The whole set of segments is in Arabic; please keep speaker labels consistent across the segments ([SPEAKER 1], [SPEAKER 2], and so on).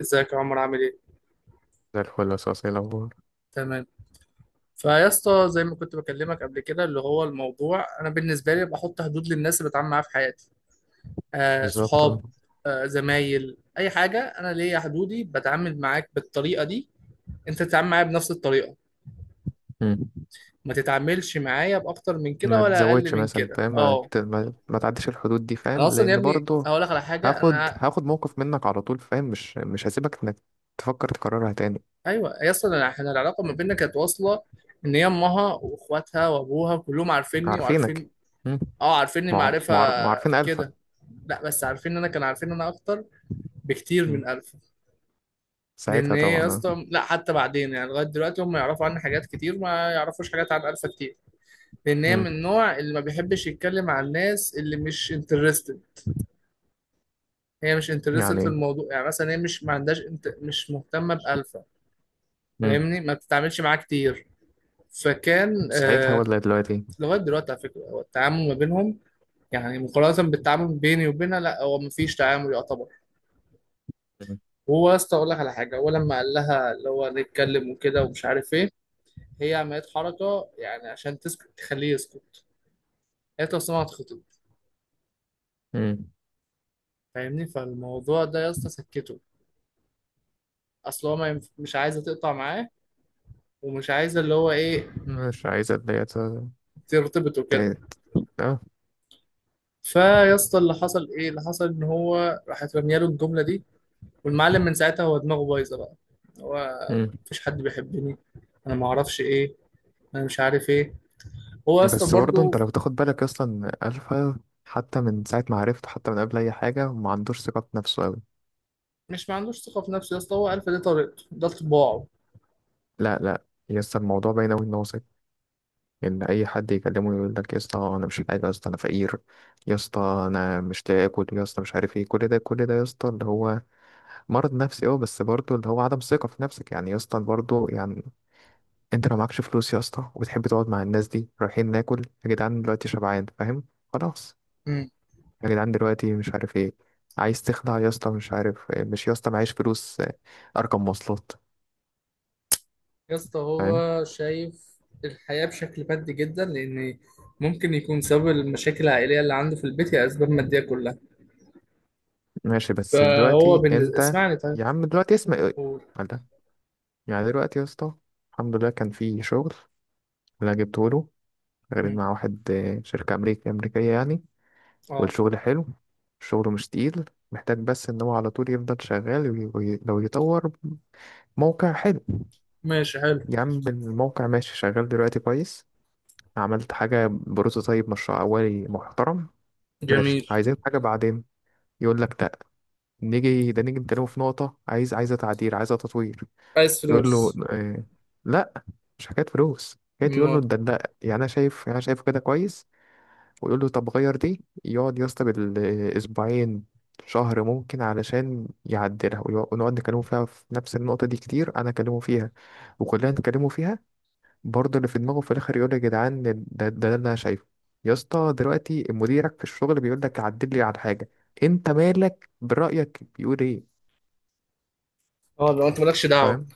[SPEAKER 1] ازيك يا عمر، عامل ايه؟
[SPEAKER 2] زي الفل، اساسي. الاخبار
[SPEAKER 1] تمام. فيا اسطى، زي ما كنت بكلمك قبل كده اللي هو الموضوع، انا بالنسبه لي بحط حدود للناس اللي بتعامل معاها في حياتي. آه،
[SPEAKER 2] بالظبط، اه.
[SPEAKER 1] صحاب، آه، زمايل، اي حاجه. انا ليا حدودي. بتعامل معاك بالطريقه دي، انت تتعامل معايا بنفس الطريقه.
[SPEAKER 2] مم.
[SPEAKER 1] ما تتعاملش معايا باكتر من كده
[SPEAKER 2] ما
[SPEAKER 1] ولا اقل
[SPEAKER 2] تزودش
[SPEAKER 1] من
[SPEAKER 2] مثلا،
[SPEAKER 1] كده.
[SPEAKER 2] فاهم؟ ما,
[SPEAKER 1] اه.
[SPEAKER 2] ت- ما, ما تعديش الحدود دي،
[SPEAKER 1] انا
[SPEAKER 2] فاهم؟
[SPEAKER 1] اصلا
[SPEAKER 2] لان
[SPEAKER 1] يا ابني
[SPEAKER 2] برضه
[SPEAKER 1] هقول لك على حاجه، انا
[SPEAKER 2] هاخد هاخد موقف منك على طول، فاهم؟ مش هسيبك انك تفكر تكررها تاني.
[SPEAKER 1] ايوه يا اسطى. احنا العلاقه ما بيننا كانت واصله، ان هي امها واخواتها وابوها كلهم عارفيني
[SPEAKER 2] عارفينك.
[SPEAKER 1] وعارفين.
[SPEAKER 2] مم.
[SPEAKER 1] اه، عارفيني معرفة
[SPEAKER 2] معارفين الفا.
[SPEAKER 1] كده. لا، بس عارفين انا، كان عارفين انا اكتر بكتير
[SPEAKER 2] مم.
[SPEAKER 1] من الف. لان
[SPEAKER 2] ساعتها
[SPEAKER 1] هي يا
[SPEAKER 2] طبعا، اه.
[SPEAKER 1] اسطى، لا، حتى بعدين يعني لغايه دلوقتي، هم يعرفوا عني حاجات كتير، ما يعرفوش حاجات عن الفا كتير. لان هي
[SPEAKER 2] مم.
[SPEAKER 1] من النوع اللي ما بيحبش يتكلم عن الناس اللي مش انترستد. هي مش انترستد في
[SPEAKER 2] يعني.
[SPEAKER 1] الموضوع. يعني مثلا هي مش، ما عندهاش، مش مهتمه بالفا.
[SPEAKER 2] مم.
[SPEAKER 1] فاهمني، ما بتتعاملش معاه كتير. فكان
[SPEAKER 2] ساعتها
[SPEAKER 1] آه...
[SPEAKER 2] ولا دلوقتي؟
[SPEAKER 1] لغايه دلوقتي على فكره، هو التعامل ما بينهم يعني مقارنه بالتعامل بيني وبينها، لا، هو ما فيش تعامل يعتبر.
[SPEAKER 2] مم.
[SPEAKER 1] هو يا اسطى اقول لك على حاجه، هو لما قال لها اللي هو نتكلم وكده ومش عارف ايه، هي عملت حركه يعني عشان تسكت، تخليه يسكت. قالت له أصل انا هتخطب.
[SPEAKER 2] مم.
[SPEAKER 1] فاهمني، فالموضوع ده يا اسطى سكته. اصل هو ما ينف... مش عايزه تقطع معاه، ومش عايزه اللي هو ايه،
[SPEAKER 2] مش عايز اتضايق.
[SPEAKER 1] ترتبط
[SPEAKER 2] ت-
[SPEAKER 1] وكده.
[SPEAKER 2] ت-
[SPEAKER 1] فيا اسطى اللي حصل ايه؟ اللي حصل ان هو راحت رميه له الجمله دي، والمعلم من ساعتها هو دماغه بايظه بقى. هو
[SPEAKER 2] اه،
[SPEAKER 1] مفيش حد بيحبني، انا ما اعرفش ايه، انا مش عارف ايه. هو يا اسطى
[SPEAKER 2] بس برضه انت
[SPEAKER 1] برضه،
[SPEAKER 2] لو تاخد بالك، اصلا الفا حتى من ساعه ما عرفته، حتى من قبل اي حاجه، ما عندوش ثقه في نفسه قوي.
[SPEAKER 1] مش ما عندوش ثقة في نفسه يا اسطى، هو عارف إن دي طريقته، ده طباعه.
[SPEAKER 2] لا لا، يا اسطى الموضوع باين قوي ان هو ثقه، ان اي حد يكلمه يقول لك يا اسطى انا مش حاجه، يا اسطى انا فقير، يا اسطى انا مش لاقي اكل، يا اسطى مش عارف ايه. كل ده كل ده يا اسطى اللي هو مرض نفسي، اه. بس برضه اللي هو عدم ثقه في نفسك، يعني يا اسطى برضه، يعني انت لو معكش فلوس يا اسطى وبتحب تقعد مع الناس دي رايحين ناكل، يا جدعان دلوقتي شبعان، فاهم؟ خلاص.
[SPEAKER 1] مم.
[SPEAKER 2] يا جدعان دلوقتي مش عارف ايه، عايز تخلع يا اسطى مش عارف إيه. مش يا اسطى معيش فلوس، ارقم مواصلات،
[SPEAKER 1] يا اسطى
[SPEAKER 2] فاهم؟
[SPEAKER 1] هو شايف الحياة بشكل مادي جدا، لأن ممكن يكون سبب المشاكل العائلية اللي عنده في البيت هي أسباب مادية كلها.
[SPEAKER 2] ماشي، بس
[SPEAKER 1] فهو
[SPEAKER 2] دلوقتي
[SPEAKER 1] بالنسبة،
[SPEAKER 2] انت،
[SPEAKER 1] اسمعني طيب.
[SPEAKER 2] يا عم دلوقتي اسمع ايه؟
[SPEAKER 1] قول.
[SPEAKER 2] قال ده. يعني دلوقتي يا اسطى، الحمد لله كان في شغل اللي أنا جبته له، غير
[SPEAKER 1] مم.
[SPEAKER 2] مع واحد، شركة أمريكية أمريكية يعني.
[SPEAKER 1] اه.
[SPEAKER 2] والشغل حلو، الشغل مش تقيل، محتاج بس إن هو على طول يفضل شغال، لو يطور موقع حلو.
[SPEAKER 1] ماشي. حلو.
[SPEAKER 2] يا عم الموقع ماشي، شغال دلوقتي كويس. عملت حاجة بروتوتايب، مشروع أولي محترم، ماشي.
[SPEAKER 1] جميل.
[SPEAKER 2] عايزين حاجة بعدين، يقول لك لا. نيجي ده، نيجي نتكلم في نقطة، عايز عايزة تعديل، عايزة تطوير.
[SPEAKER 1] عايز
[SPEAKER 2] يقول له
[SPEAKER 1] فلوس.
[SPEAKER 2] آه. لا، مش حكاية فلوس، حكاية يقول له
[SPEAKER 1] ما
[SPEAKER 2] ده، لا يعني أنا شايف، يعني أنا شايفه كده كويس. ويقول له طب غير دي، يقعد يا اسطى بالأسبوعين، شهر ممكن علشان يعدلها، ونقعد نكلمه فيها في نفس النقطة دي كتير، أنا أكلمه فيها وكلنا نتكلموا فيها. برضه اللي في دماغه في الاخر يقول يا جدعان ده اللي انا شايفه. يا اسطى دلوقتي مديرك في الشغل بيقول لك عدل لي على حاجه، انت مالك؟ برايك بيقول ايه؟
[SPEAKER 1] اه، لو انت مالكش دعوة.
[SPEAKER 2] فاهم؟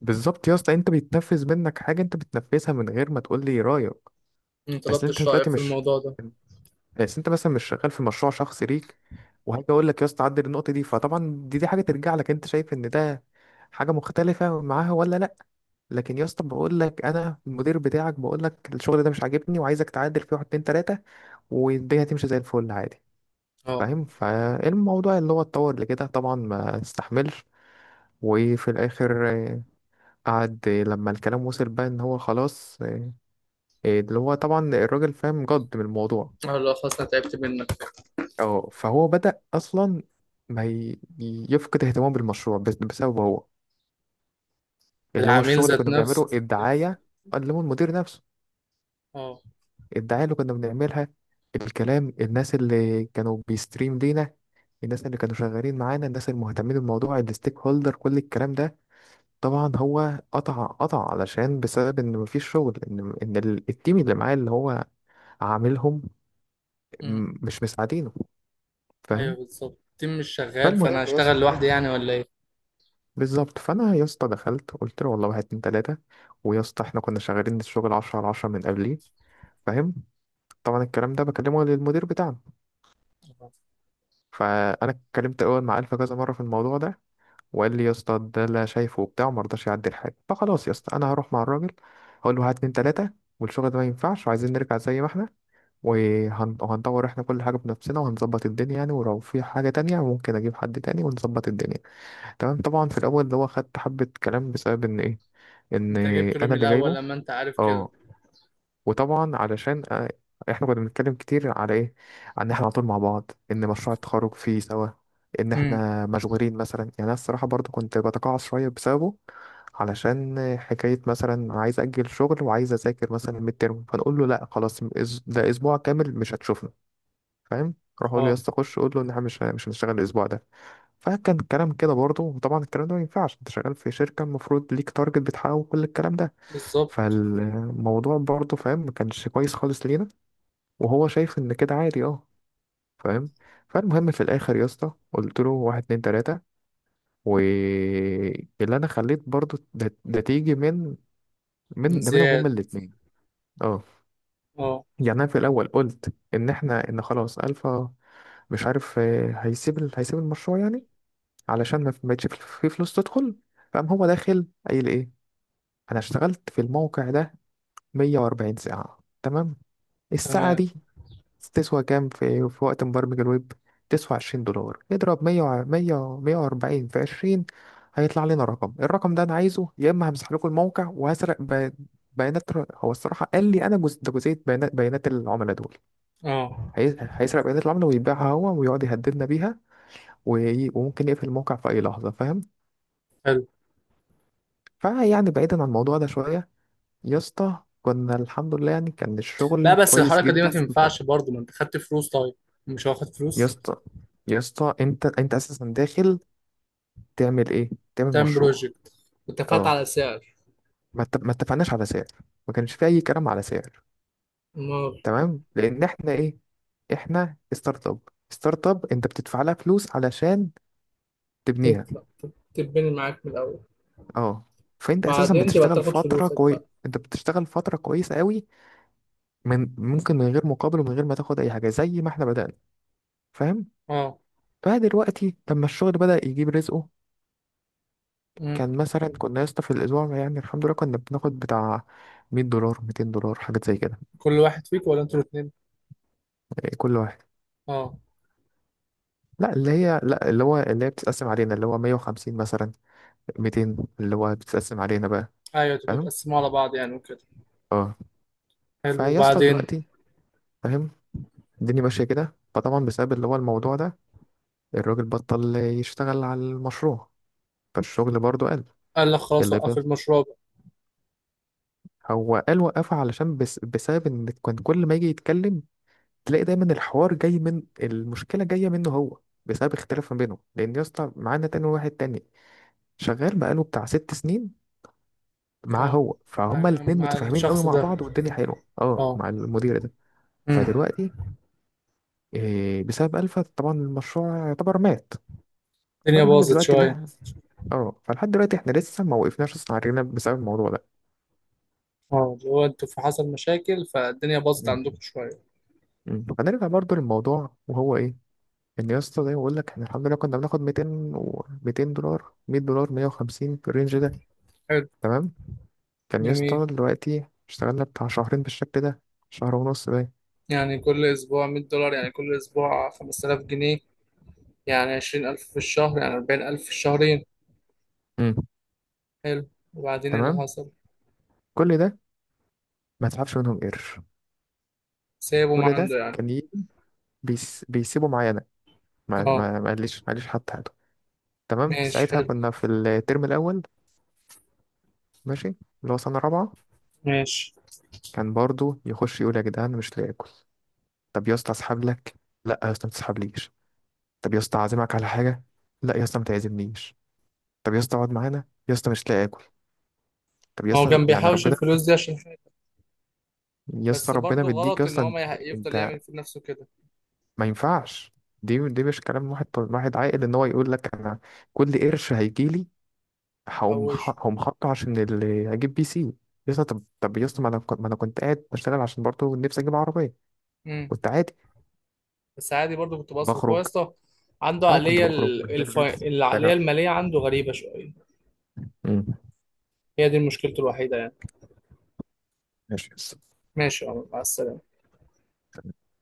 [SPEAKER 2] بالظبط يا اسطى، انت بيتنفذ منك حاجه، انت بتنفذها من غير ما تقول لي رايك.
[SPEAKER 1] ما
[SPEAKER 2] اصل انت
[SPEAKER 1] طلبتش رأيك
[SPEAKER 2] دلوقتي
[SPEAKER 1] في
[SPEAKER 2] مش،
[SPEAKER 1] الموضوع ده.
[SPEAKER 2] اصل انت مثلا مش شغال في مشروع شخصي ليك وهاجي اقول لك يا اسطى عدل النقطه دي. فطبعا دي حاجه ترجع لك انت، شايف ان ده حاجه مختلفه معاها ولا لا. لكن يا اسطى، بقول لك انا المدير بتاعك بقول لك الشغل ده مش عاجبني وعايزك تعدل فيه واحد اتنين تلاته، والدنيا هتمشي زي الفل عادي.
[SPEAKER 1] اه.
[SPEAKER 2] فاهم؟ فالموضوع اللي هو اتطور لكده طبعا ما استحملش. وفي الاخر قعد لما الكلام وصل بقى ان هو خلاص، اللي هو طبعا الراجل فاهم جد من الموضوع.
[SPEAKER 1] اه، لا خلاص انا تعبت منك.
[SPEAKER 2] اه، فهو بدأ اصلا ما ي- يفقد اهتمامه بالمشروع، بسببه هو، اللي هو
[SPEAKER 1] العميل
[SPEAKER 2] الشغل اللي
[SPEAKER 1] ذات
[SPEAKER 2] كنا بنعمله
[SPEAKER 1] نفسه.
[SPEAKER 2] الدعاية. قال له المدير نفسه
[SPEAKER 1] اه.
[SPEAKER 2] الدعاية اللي كنا بنعملها، الكلام، الناس اللي كانوا بيستريم لينا، الناس اللي كانوا شغالين معانا، الناس المهتمين بالموضوع، الستيك هولدر، كل الكلام ده طبعا هو قطع قطع علشان بسبب ان مفيش شغل، ان التيم اللي معاه اللي هو عاملهم مش مساعدينه.
[SPEAKER 1] ايوه
[SPEAKER 2] فاهم؟
[SPEAKER 1] بالظبط، التيم مش شغال، فانا
[SPEAKER 2] فالمهم يا
[SPEAKER 1] هشتغل
[SPEAKER 2] اسطى،
[SPEAKER 1] لوحدي يعني ولا ايه؟
[SPEAKER 2] بالظبط، فانا يا اسطى دخلت قلت له والله واحد اتنين تلاته. ويا اسطى احنا كنا شغالين الشغل 10 على 10 من قبليه. فاهم؟ طبعا الكلام ده بكلمه للمدير بتاعنا. فانا اتكلمت اول مع الفا كذا مره في الموضوع ده، وقال لي يا اسطى ده اللي أنا شايفه وبتاع، وما رضاش يعدل حاجه. فخلاص يا اسطى انا هروح مع الراجل هقول له هات اتنين تلاته، والشغل ده ما ينفعش، وعايزين نرجع زي ما احنا، وهندور احنا كل حاجه بنفسنا، وهنظبط الدنيا يعني. ولو في حاجه تانية، ممكن اجيب حد تاني ونظبط الدنيا. تمام، طبعا في الاول اللي هو خدت حبه كلام بسبب ان ايه؟ ان
[SPEAKER 1] انت جبته ليه
[SPEAKER 2] انا
[SPEAKER 1] من
[SPEAKER 2] اللي
[SPEAKER 1] الاول
[SPEAKER 2] جايبه.
[SPEAKER 1] لما انت عارف كده؟
[SPEAKER 2] اه. وطبعا علشان احنا كنا بنتكلم كتير على ايه، عن ان احنا على طول مع بعض، ان مشروع التخرج فيه سوا، ان
[SPEAKER 1] امم.
[SPEAKER 2] احنا مشغولين مثلا. يعني انا الصراحه برضو كنت بتقاعس شويه بسببه، علشان حكايه مثلا عايز اجل شغل وعايز اذاكر مثلا الميد ترم، فنقول له لا خلاص، ده اسبوع كامل مش هتشوفنا. فاهم؟ اروح اقول له يا
[SPEAKER 1] اه
[SPEAKER 2] اسطى خش قول له ان احنا مش هنشتغل الاسبوع ده. فكان الكلام كده برضو. وطبعا الكلام ده ما ينفعش، انت شغال في شركه المفروض ليك تارجت بتحققه وكل الكلام ده.
[SPEAKER 1] بالظبط.
[SPEAKER 2] فالموضوع برضه فاهم، ما كانش كويس خالص لينا، وهو شايف ان كده عادي، اه. فاهم؟ فالمهم في الاخر يا اسطى قلت له واحد اتنين تلاته، واللي انا خليت برضه ده تيجي من
[SPEAKER 1] من
[SPEAKER 2] من ده منهم هما
[SPEAKER 1] زياد.
[SPEAKER 2] الاتنين. اه.
[SPEAKER 1] اه.
[SPEAKER 2] يعني انا في الاول قلت ان احنا، ان خلاص الفا مش عارف هيسيب المشروع يعني، علشان ما بقتش في فلوس تدخل. فقام هو داخل قايل ايه؟ انا اشتغلت في الموقع ده 140 ساعه، تمام. الساعه
[SPEAKER 1] تمام.
[SPEAKER 2] دي تسوى كام في وقت مبرمج الويب؟ تسوى $20، اضرب مية وأربعين في عشرين، هيطلع لنا رقم. الرقم ده أنا عايزه، يا إما همسح لكم الموقع وهسرق بيانات هو الصراحة قال لي أنا جزء ده، جزئية بيانات، بيانات العملاء دول.
[SPEAKER 1] اه.
[SPEAKER 2] هيسرق بيانات العملاء ويبيعها هو ويقعد يهددنا بيها، وممكن يقفل الموقع في أي لحظة. فاهم؟
[SPEAKER 1] حلو.
[SPEAKER 2] فيعني بعيدا عن الموضوع ده شوية، يا اسطى كنا الحمد لله يعني كان
[SPEAKER 1] لا
[SPEAKER 2] الشغل
[SPEAKER 1] بس
[SPEAKER 2] كويس
[SPEAKER 1] الحركه دي ما
[SPEAKER 2] جدا.
[SPEAKER 1] تنفعش برضه، ما انت خدت فلوس طيب. مش واخد
[SPEAKER 2] يا
[SPEAKER 1] فلوس.
[SPEAKER 2] اسطى، يا اسطى انت انت اساسا داخل تعمل ايه؟ تعمل
[SPEAKER 1] تايم
[SPEAKER 2] مشروع.
[SPEAKER 1] بروجكت. واتفقت
[SPEAKER 2] اه.
[SPEAKER 1] على سعر.
[SPEAKER 2] ما اتفقناش على سعر، ما كانش في اي كلام على سعر.
[SPEAKER 1] ما
[SPEAKER 2] تمام. لان احنا ايه؟ احنا ستارت اب. ستارت اب انت بتدفع لها فلوس علشان تبنيها.
[SPEAKER 1] تطلع تتبني معاك من الاول،
[SPEAKER 2] اه. فانت اساسا
[SPEAKER 1] بعدين تبقى
[SPEAKER 2] بتشتغل
[SPEAKER 1] تاخد
[SPEAKER 2] فتره
[SPEAKER 1] فلوسك
[SPEAKER 2] كويس،
[SPEAKER 1] بقى.
[SPEAKER 2] انت بتشتغل فتره كويسه قوي، من ممكن من غير مقابل ومن غير ما تاخد اي حاجه، زي ما احنا بدانا. فاهم؟
[SPEAKER 1] اه.
[SPEAKER 2] بقى دلوقتي لما الشغل بدا يجيب رزقه،
[SPEAKER 1] امم.
[SPEAKER 2] كان مثلا كنا يا اسطى في الاسبوع يعني الحمد لله كنا بناخد بتاع $100 $200، حاجات زي كده.
[SPEAKER 1] كل واحد فيك ولا انتوا الاثنين؟
[SPEAKER 2] إيه، كل واحد.
[SPEAKER 1] اه.
[SPEAKER 2] لا، اللي هي، لا اللي هو اللي هي بتتقسم علينا، اللي هو 150 مثلا 200، اللي هو بتتقسم علينا بقى.
[SPEAKER 1] ايوه، تبقوا
[SPEAKER 2] فاهم؟
[SPEAKER 1] تقسموا على بعض يعني وكده.
[SPEAKER 2] اه.
[SPEAKER 1] حلو،
[SPEAKER 2] فيا اسطى
[SPEAKER 1] وبعدين؟
[SPEAKER 2] دلوقتي، فاهم، الدنيا ماشيه كده. فطبعا بسبب اللي هو الموضوع ده، الراجل بطل يشتغل على المشروع، فالشغل برضه قل.
[SPEAKER 1] قال لك خلاص
[SPEAKER 2] اللي
[SPEAKER 1] وقف
[SPEAKER 2] بقى،
[SPEAKER 1] المشروع بقى.
[SPEAKER 2] هو قال وقفه علشان بس بسبب ان كان كل ما يجي يتكلم تلاقي دايما الحوار جاي من المشكله، جاه منه هو، بسبب اختلاف ما بينهم. لان يا اسطى معانا تاني واحد تاني شغال بقاله بتاع 6 سنين معاه
[SPEAKER 1] اه.
[SPEAKER 2] هو،
[SPEAKER 1] مع,
[SPEAKER 2] فهما الاتنين
[SPEAKER 1] مع
[SPEAKER 2] متفاهمين قوي
[SPEAKER 1] الشخص
[SPEAKER 2] مع
[SPEAKER 1] ده.
[SPEAKER 2] بعض والدنيا حلوه، اه،
[SPEAKER 1] اه.
[SPEAKER 2] مع المدير ده.
[SPEAKER 1] امم.
[SPEAKER 2] فدلوقتي إيه؟ بسبب الفا طبعا المشروع يعتبر مات.
[SPEAKER 1] الدنيا
[SPEAKER 2] فالمهم
[SPEAKER 1] باظت
[SPEAKER 2] دلوقتي اللي
[SPEAKER 1] شوية.
[SPEAKER 2] احنا، اه، فلحد دلوقتي احنا لسه ما وقفناش اصلا على رجلنا بسبب الموضوع ده.
[SPEAKER 1] اه، اللي هو انتوا في حصل مشاكل فالدنيا باظت
[SPEAKER 2] مم.
[SPEAKER 1] عندكم شوية.
[SPEAKER 2] مم. فنرجع برضو للموضوع وهو ايه؟ ان يا اسطى زي ما بقول لك احنا الحمد لله كنا بناخد 200 و $200، $100، 150 في الرينج ده.
[SPEAKER 1] حلو.
[SPEAKER 2] تمام. كان يا
[SPEAKER 1] جميل.
[SPEAKER 2] اسطى دلوقتي اشتغلنا بتاع شهرين بالشكل ده، شهر ونص ده.
[SPEAKER 1] يعني كل أسبوع $100، يعني كل أسبوع 5000 جنيه، يعني 20000 في الشهر، يعني 40000 في الشهرين.
[SPEAKER 2] مم.
[SPEAKER 1] حلو، وبعدين ايه اللي
[SPEAKER 2] تمام.
[SPEAKER 1] حصل؟
[SPEAKER 2] كل ده ما تسحبش منهم قرش،
[SPEAKER 1] سابه ما
[SPEAKER 2] كل ده
[SPEAKER 1] عنده يعني.
[SPEAKER 2] كان بيسيبه معايا انا. ما
[SPEAKER 1] اه.
[SPEAKER 2] ما ما قاليش ما قاليش حتى حاجه. تمام.
[SPEAKER 1] ماشي،
[SPEAKER 2] ساعتها
[SPEAKER 1] حلو.
[SPEAKER 2] كنا في الترم الاول، ماشي، اللي هو سنه رابعه.
[SPEAKER 1] ماشي.
[SPEAKER 2] كان برضو يخش يقول يا جدعان مش لاقي اكل. طب يا اسطى اسحب لك. لا يا اسطى ما تسحبليش. طب يا اسطى اعزمك على حاجه. لا يا اسطى ما تعزمنيش. طب يا اسطى اقعد معانا، يا اسطى مش لاقي اكل. طب يا
[SPEAKER 1] هو
[SPEAKER 2] اسطى
[SPEAKER 1] كان
[SPEAKER 2] يعني
[SPEAKER 1] بيحوش
[SPEAKER 2] ربنا،
[SPEAKER 1] الفلوس دي عشان حاجة.
[SPEAKER 2] يا اسطى
[SPEAKER 1] بس
[SPEAKER 2] ربنا
[SPEAKER 1] برضه
[SPEAKER 2] مديك يا
[SPEAKER 1] غلط إن
[SPEAKER 2] اسطى
[SPEAKER 1] هو
[SPEAKER 2] انت.
[SPEAKER 1] ما يح- يفضل
[SPEAKER 2] انت
[SPEAKER 1] يعمل في نفسه كده.
[SPEAKER 2] ما ينفعش، دي دي مش كلام واحد واحد عاقل. ان هو يقول لك انا كل قرش هيجيلي هقوم ح-
[SPEAKER 1] يحوشه.
[SPEAKER 2] هقوم حاطه عشان اللي هجيب PC. يسطا طب يسطا، ما انا كنت قاعد بشتغل عشان برضه نفسي اجيب عربيه، كنت عادي
[SPEAKER 1] بس عادي برضو كنت بصرف. هو يا
[SPEAKER 2] بخرج.
[SPEAKER 1] اسطى عنده
[SPEAKER 2] اه، كنت
[SPEAKER 1] عقلية
[SPEAKER 2] بخرج محتاج لبس،
[SPEAKER 1] العقلية
[SPEAKER 2] محتاج.
[SPEAKER 1] المالية عنده غريبة شوية.
[SPEAKER 2] مم.
[SPEAKER 1] هي دي مشكلته الوحيدة يعني.
[SPEAKER 2] ماشي يسطا.
[SPEAKER 1] ماشي يا عمر، مع السلامة.